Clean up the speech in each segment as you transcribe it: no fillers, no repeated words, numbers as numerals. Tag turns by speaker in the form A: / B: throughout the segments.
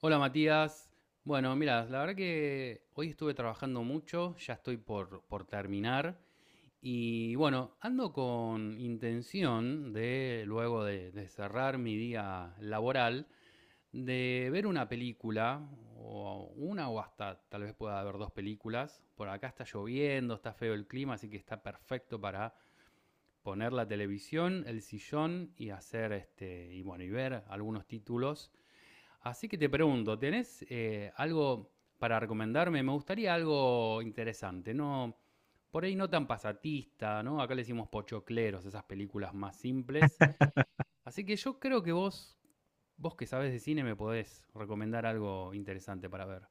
A: Hola Matías. Bueno, mira, la verdad que hoy estuve trabajando mucho, ya estoy por terminar y bueno, ando con intención de, luego de cerrar mi día laboral, de ver una película o hasta tal vez pueda haber dos películas. Por acá está lloviendo, está feo el clima, así que está perfecto para poner la televisión, el sillón y hacer y bueno, y ver algunos títulos. Así que te pregunto, ¿tenés algo para recomendarme? Me gustaría algo interesante, ¿no? Por ahí no tan pasatista, ¿no? Acá le decimos pochocleros, esas películas más simples. Así que yo creo que vos que sabes de cine, me podés recomendar algo interesante para ver.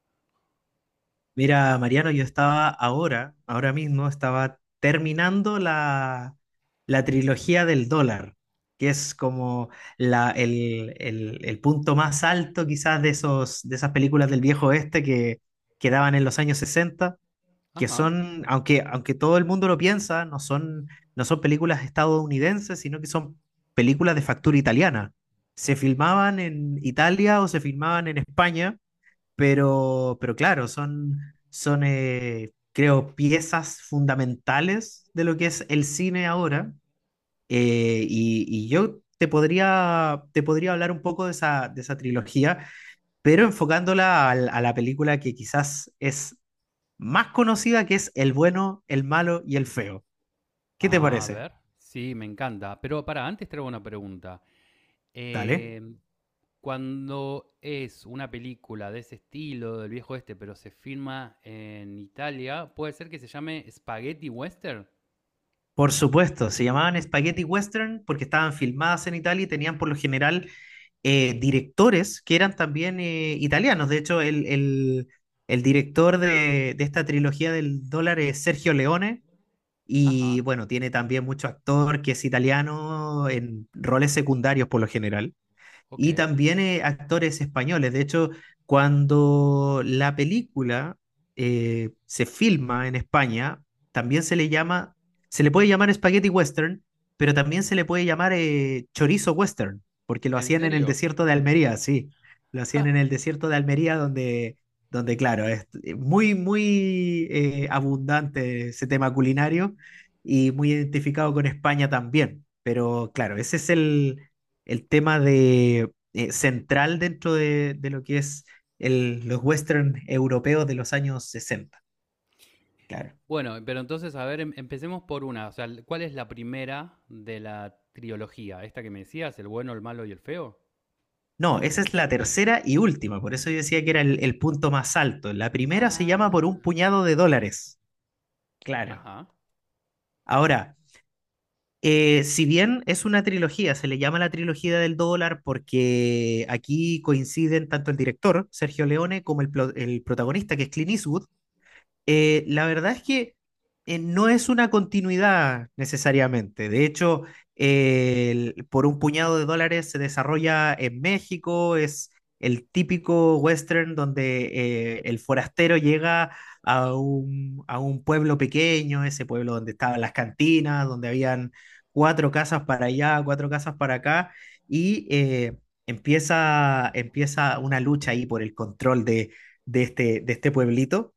B: Mira, Mariano, yo estaba ahora, ahora mismo, estaba terminando la trilogía del dólar, que es como el punto más alto quizás de esos, de esas películas del viejo oeste que daban en los años 60, que
A: Ajá.
B: son, aunque todo el mundo lo piensa, no son películas estadounidenses, sino que son películas de factura italiana. Se filmaban en Italia o se filmaban en España pero claro, son, creo, piezas fundamentales de lo que es el cine ahora. Yo te podría hablar un poco de esa trilogía, pero enfocándola a la película que quizás es más conocida, que es El bueno, el malo y el feo. ¿Qué te
A: A
B: parece?
A: ver. Sí, me encanta. Pero para, antes traigo una pregunta.
B: Dale.
A: Eh, cuando es una película de ese estilo, del viejo este, pero se filma en Italia, puede ser que se llame Spaghetti Western.
B: Por supuesto, se llamaban Spaghetti Western porque estaban filmadas en Italia y tenían por lo general directores que eran también italianos. De hecho, el director de esta trilogía del dólar es Sergio Leone y
A: Ajá,
B: bueno, tiene también mucho actor que es italiano en roles secundarios por lo general
A: ok.
B: y también actores españoles. De hecho, cuando la película se filma en España, también se le llama, se le puede llamar spaghetti western, pero también se le puede llamar chorizo western, porque lo
A: ¿En
B: hacían en el
A: serio?
B: desierto de Almería, sí, lo hacían en el desierto de Almería donde claro, es muy, muy abundante ese tema culinario y muy identificado con España también. Pero claro, ese es el tema de, central dentro de lo que es los western europeos de los años 60. Claro.
A: Bueno, pero entonces, a ver, empecemos por una. O sea, ¿cuál es la primera de la trilogía? ¿Esta que me decías, el bueno, el malo y el feo?
B: No, esa es la tercera y última, por eso yo decía que era el punto más alto. La primera se llama Por un
A: Ah.
B: puñado de dólares. Claro.
A: Ajá.
B: Ahora, si bien es una trilogía, se le llama la trilogía del dólar porque aquí coinciden tanto el director, Sergio Leone, como el protagonista, que es Clint Eastwood. La verdad es que no es una continuidad necesariamente. De hecho, por un puñado de dólares se desarrolla en México, es el típico western donde el forastero llega a un pueblo pequeño, ese pueblo donde estaban las cantinas, donde habían cuatro casas para allá, cuatro casas para acá, y empieza una lucha ahí por el control de este pueblito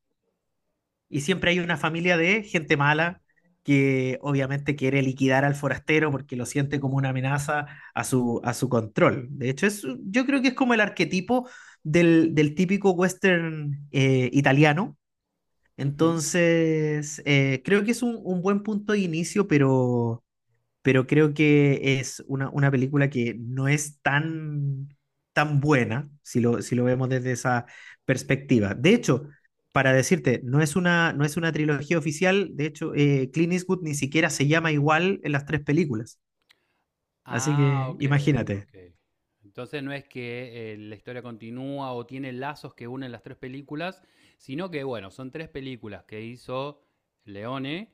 B: y siempre hay una familia de gente mala que obviamente quiere liquidar al forastero porque lo siente como una amenaza a su control. De hecho, yo creo que es como el arquetipo del típico western italiano.
A: Ujú.
B: Entonces, creo que es un buen punto de inicio, pero creo que es una película que no es tan, tan buena si lo vemos desde esa perspectiva. De hecho, para decirte, no es una trilogía oficial, de hecho, Clint Eastwood ni siquiera se llama igual en las tres películas, así
A: Ah,
B: que
A: ok,
B: imagínate,
A: ok. Entonces no es que la historia continúa o tiene lazos que unen las tres películas, sino que, bueno, son tres películas que hizo Leone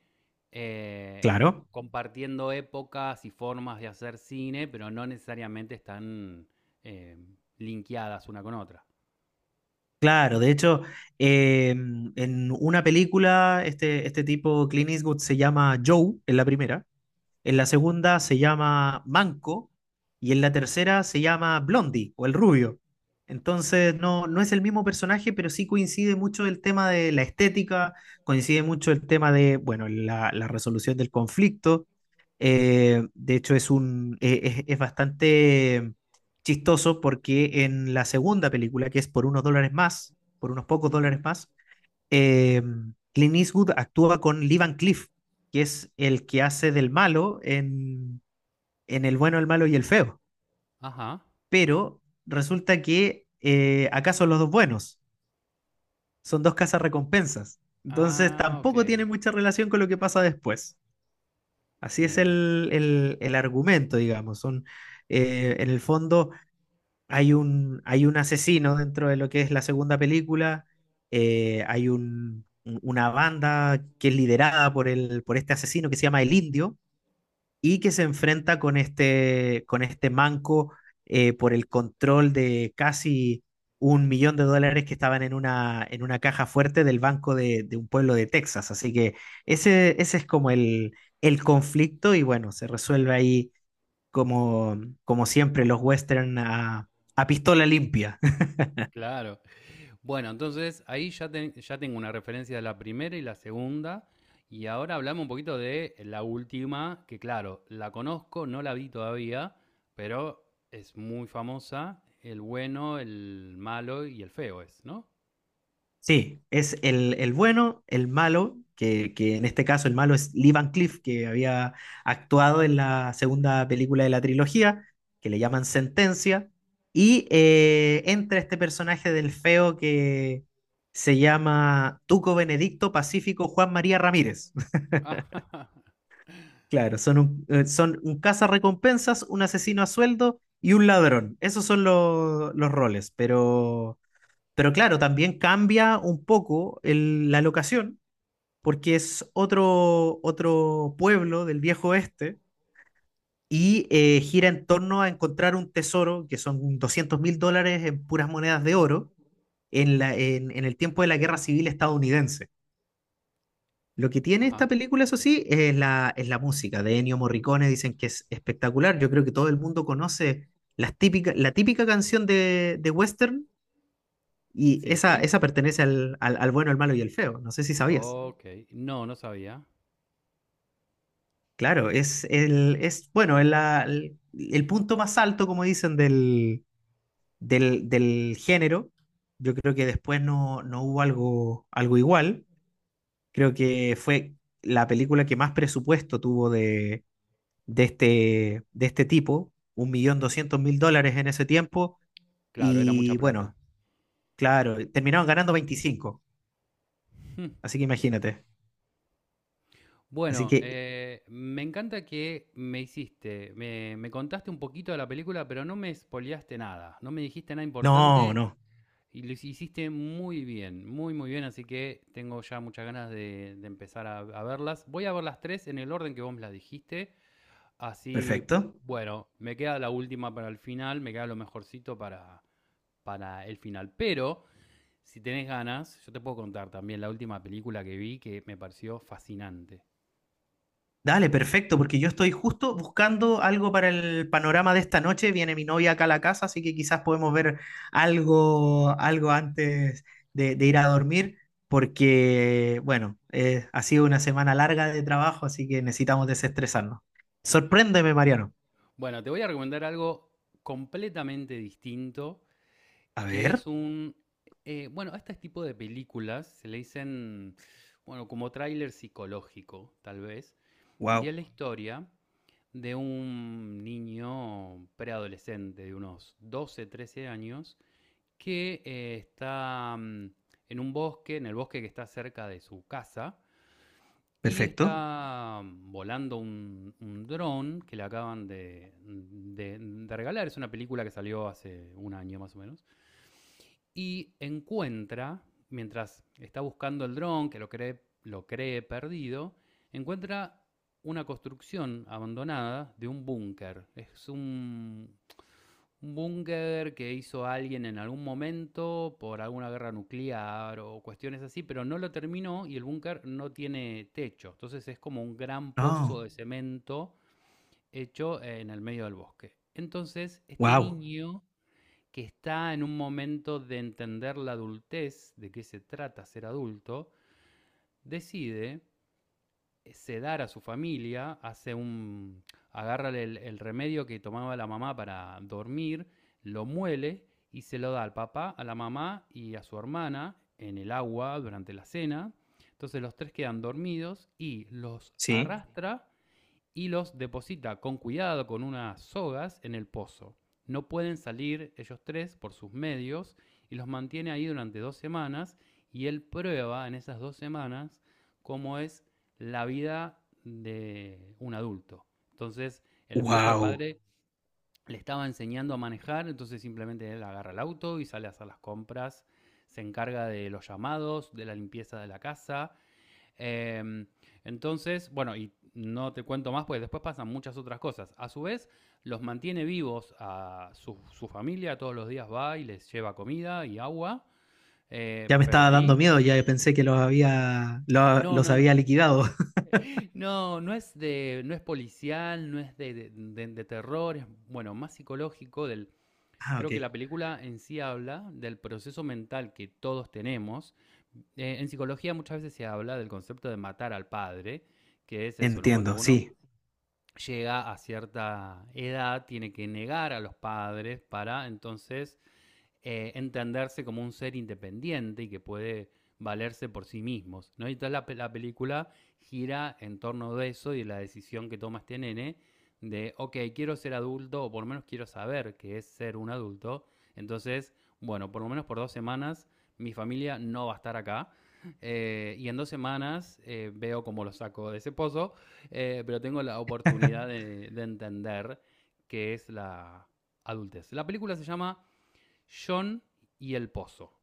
A: eh,
B: claro.
A: compartiendo épocas y formas de hacer cine, pero no necesariamente están eh, linkeadas una con otra.
B: Claro, de hecho, en una película, este tipo, Clint Eastwood, se llama Joe en la primera, en la segunda se llama Manco y en la tercera se llama Blondie o el rubio. Entonces no, no es el mismo personaje, pero sí coincide mucho el tema de la estética, coincide mucho el tema de, bueno, la resolución del conflicto. De hecho, es bastante chistoso porque en la segunda película, que es por unos dólares más, por unos pocos dólares
A: Ujú.
B: más, eh, Clint Eastwood actúa con Lee Van Cleef, que es el que hace del malo en El bueno, el malo y el feo.
A: Ajá.
B: Pero resulta que acá son los dos buenos, son dos casas recompensas. Entonces
A: Ah, ok.
B: tampoco tiene mucha relación con lo que pasa después. Así es
A: Bien.
B: el argumento, digamos. En el fondo, hay un asesino dentro de lo que es la segunda película, hay una banda que es liderada por este asesino que se llama El Indio y que se enfrenta con este manco por el control de casi $1,000,000 que estaban en una caja fuerte del banco de un pueblo de Texas. Así que ese es como el conflicto y bueno, se resuelve ahí como, como siempre los western a pistola limpia.
A: Claro. Bueno, entonces ahí ya, ya tengo una referencia de la primera y la segunda. Y ahora hablamos un poquito de la última, que claro, la conozco, no la vi todavía, pero es muy famosa. El bueno, el malo y el feo es, ¿no?
B: Sí, es el bueno, el malo, que en este caso el malo es Lee Van Cleef, que había actuado en la segunda película de la trilogía, que le llaman Sentencia, y entra este personaje del feo que se llama Tuco Benedicto Pacífico Juan María Ramírez.
A: Ajá.
B: Claro, son un cazarrecompensas, un asesino a sueldo y un ladrón. Esos son los roles. Pero claro, también cambia un poco la locación, porque es otro pueblo del viejo oeste y gira en torno a encontrar un tesoro, que son $200,000 en puras monedas de oro, en el tiempo de la Guerra Civil estadounidense. Lo que tiene
A: Ajá.
B: esta película, eso sí, es la música de Ennio Morricone, dicen que es espectacular. Yo creo que todo el mundo conoce las típica, la típica canción de Western y esa,
A: Sí.
B: esa pertenece al bueno, el malo y el feo. No sé si sabías.
A: Ok. No, no sabía.
B: Claro, es bueno, el punto más alto, como dicen, del género. Yo creo que después no, no hubo algo, algo igual. Creo que fue la película que más presupuesto tuvo de este tipo, $1,200,000 en ese tiempo,
A: Claro, era mucha
B: y
A: plata.
B: bueno, claro, terminaron ganando 25, así que imagínate. Así
A: Bueno,
B: que,
A: me encanta que me contaste un poquito de la película, pero no me spoileaste nada, no me dijiste nada
B: no,
A: importante.
B: no,
A: Y lo hiciste muy bien, muy muy bien, así que tengo ya muchas ganas de empezar a verlas. Voy a ver las tres en el orden que vos me las dijiste, así,
B: perfecto.
A: bueno, me queda la última para el final, me queda lo mejorcito para el final. Pero, si tenés ganas, yo te puedo contar también la última película que vi que me pareció fascinante.
B: Dale, perfecto, porque yo estoy justo buscando algo para el panorama de esta noche. Viene mi novia acá a la casa, así que quizás podemos ver algo antes de ir a dormir, porque, bueno, ha sido una semana larga de trabajo, así que necesitamos desestresarnos. Sorpréndeme, Mariano.
A: Bueno, te voy a recomendar algo completamente distinto,
B: A
A: que
B: ver,
A: es un... bueno, a este tipo de películas se le dicen, bueno, como tráiler psicológico, tal vez. Y es
B: wow,
A: la historia de un niño preadolescente de unos 12 13 años que está en un bosque, en el bosque que está cerca de su casa, y
B: perfecto.
A: está volando un dron que le acaban de regalar. Es una película que salió hace un año más o menos y encuentra, mientras está buscando el dron, que lo cree perdido, encuentra una construcción abandonada de un búnker. Es un búnker que hizo alguien en algún momento por alguna guerra nuclear o cuestiones así, pero no lo terminó y el búnker no tiene techo. Entonces es como un gran pozo
B: No,
A: de cemento hecho en el medio del bosque. Entonces este
B: wow.
A: niño que está en un momento de entender la adultez, de qué se trata ser adulto, decide sedar a su familia, hace un agarra el remedio que tomaba la mamá para dormir, lo muele y se lo da al papá, a la mamá y a su hermana en el agua durante la cena. Entonces los tres quedan dormidos y los
B: Sí.
A: arrastra y los deposita con cuidado con unas sogas en el pozo. No pueden salir ellos tres por sus medios y los mantiene ahí durante 2 semanas y él prueba en esas 2 semanas cómo es la vida de un adulto. Entonces, el justo al
B: Wow.
A: padre le estaba enseñando a manejar, entonces simplemente él agarra el auto y sale a hacer las compras, se encarga de los llamados, de la limpieza de la casa. eh, entonces, bueno, y no te cuento más, pues después pasan muchas otras cosas. A su vez, los mantiene vivos a su familia, todos los días va y les lleva comida y agua,
B: Ya me
A: pero
B: estaba dando
A: ahí...
B: miedo, ya pensé que los había, lo-
A: No,
B: los
A: no, no,
B: había liquidado.
A: no, no es policial, no es de terror, es bueno, más psicológico del,
B: Ah,
A: creo
B: ok,
A: que la película en sí habla del proceso mental que todos tenemos. En psicología muchas veces se habla del concepto de matar al padre, que es eso, ¿no? Cuando
B: entiendo,
A: uno
B: sí,
A: llega a cierta edad, tiene que negar a los padres para entonces entenderse como un ser independiente y que puede valerse por sí mismos, ¿no? Y entonces la película gira en torno de eso y de la decisión que toma este nene de, ok, quiero ser adulto o por lo menos quiero saber qué es ser un adulto. Entonces, bueno, por lo menos por 2 semanas mi familia no va a estar acá. Y en 2 semanas veo cómo lo saco de ese pozo, pero tengo la oportunidad de entender qué es la adultez. La película se llama John y El Pozo.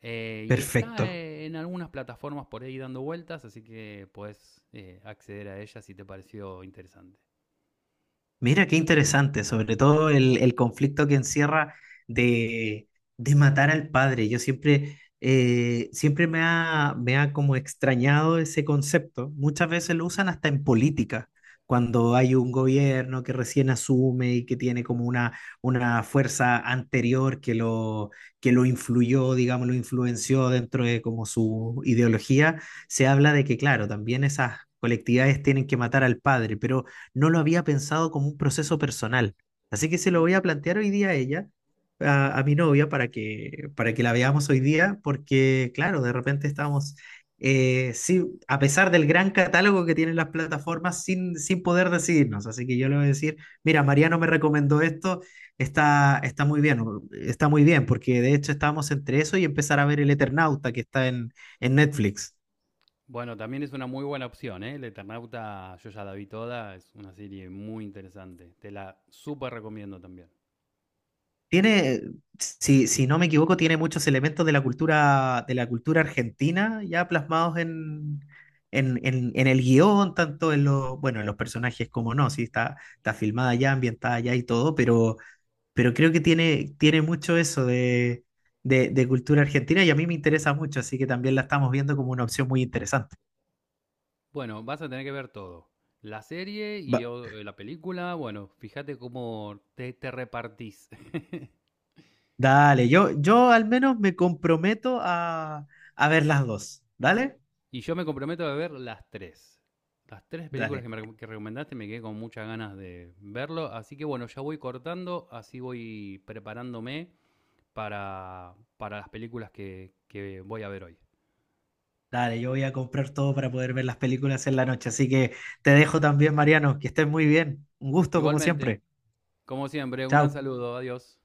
A: Y está
B: perfecto.
A: en algunas plataformas por ahí dando vueltas, así que puedes acceder a ella si te pareció interesante.
B: Mira, qué interesante, sobre todo el conflicto que encierra de, de matar al padre. Yo siempre me ha como extrañado ese concepto. Muchas veces lo usan hasta en política, cuando hay un gobierno que recién asume y que tiene como una fuerza anterior que lo influyó, digamos, lo influenció dentro de como su ideología. Se habla de que, claro, también esas colectividades tienen que matar al padre, pero no lo había pensado como un proceso personal. Así que se lo voy a
A: Ujú.
B: plantear hoy día a ella, a mi novia, para que la veamos hoy día, porque claro, de repente estamos, sí, a pesar del gran catálogo que tienen las plataformas, sin poder decidirnos. Así que yo le voy a decir, mira, Mariano me recomendó esto, está muy bien, porque de hecho estábamos entre eso y empezar a ver El Eternauta que está en Netflix.
A: Bueno, también es una muy buena opción, ¿eh? El Eternauta, yo ya la vi toda, es una serie muy interesante. Te la súper recomiendo también.
B: Tiene, si no me equivoco, tiene muchos elementos de la cultura argentina ya plasmados en el guión, tanto en los, bueno, en los personajes como no, sí, está filmada ya, ambientada ya y todo, pero creo que tiene mucho eso de cultura argentina y a mí me interesa mucho, así que también la estamos viendo como una opción muy interesante.
A: Bueno, vas a tener que ver todo. La serie y
B: Va-
A: la película, bueno, fíjate cómo te repartís.
B: dale, yo al menos me comprometo a ver las dos. Dale,
A: Y yo me comprometo a ver las tres. Las tres películas
B: dale.
A: que recomendaste me quedé con muchas ganas de verlo. Así que bueno, ya voy cortando, así voy preparándome para las películas que voy a ver hoy.
B: Dale, yo voy a comprar todo para poder ver las películas en la noche. Así que te dejo también, Mariano. Que estés muy bien. Un gusto como
A: Igualmente,
B: siempre.
A: como siempre, un
B: Chao.
A: gran saludo, adiós.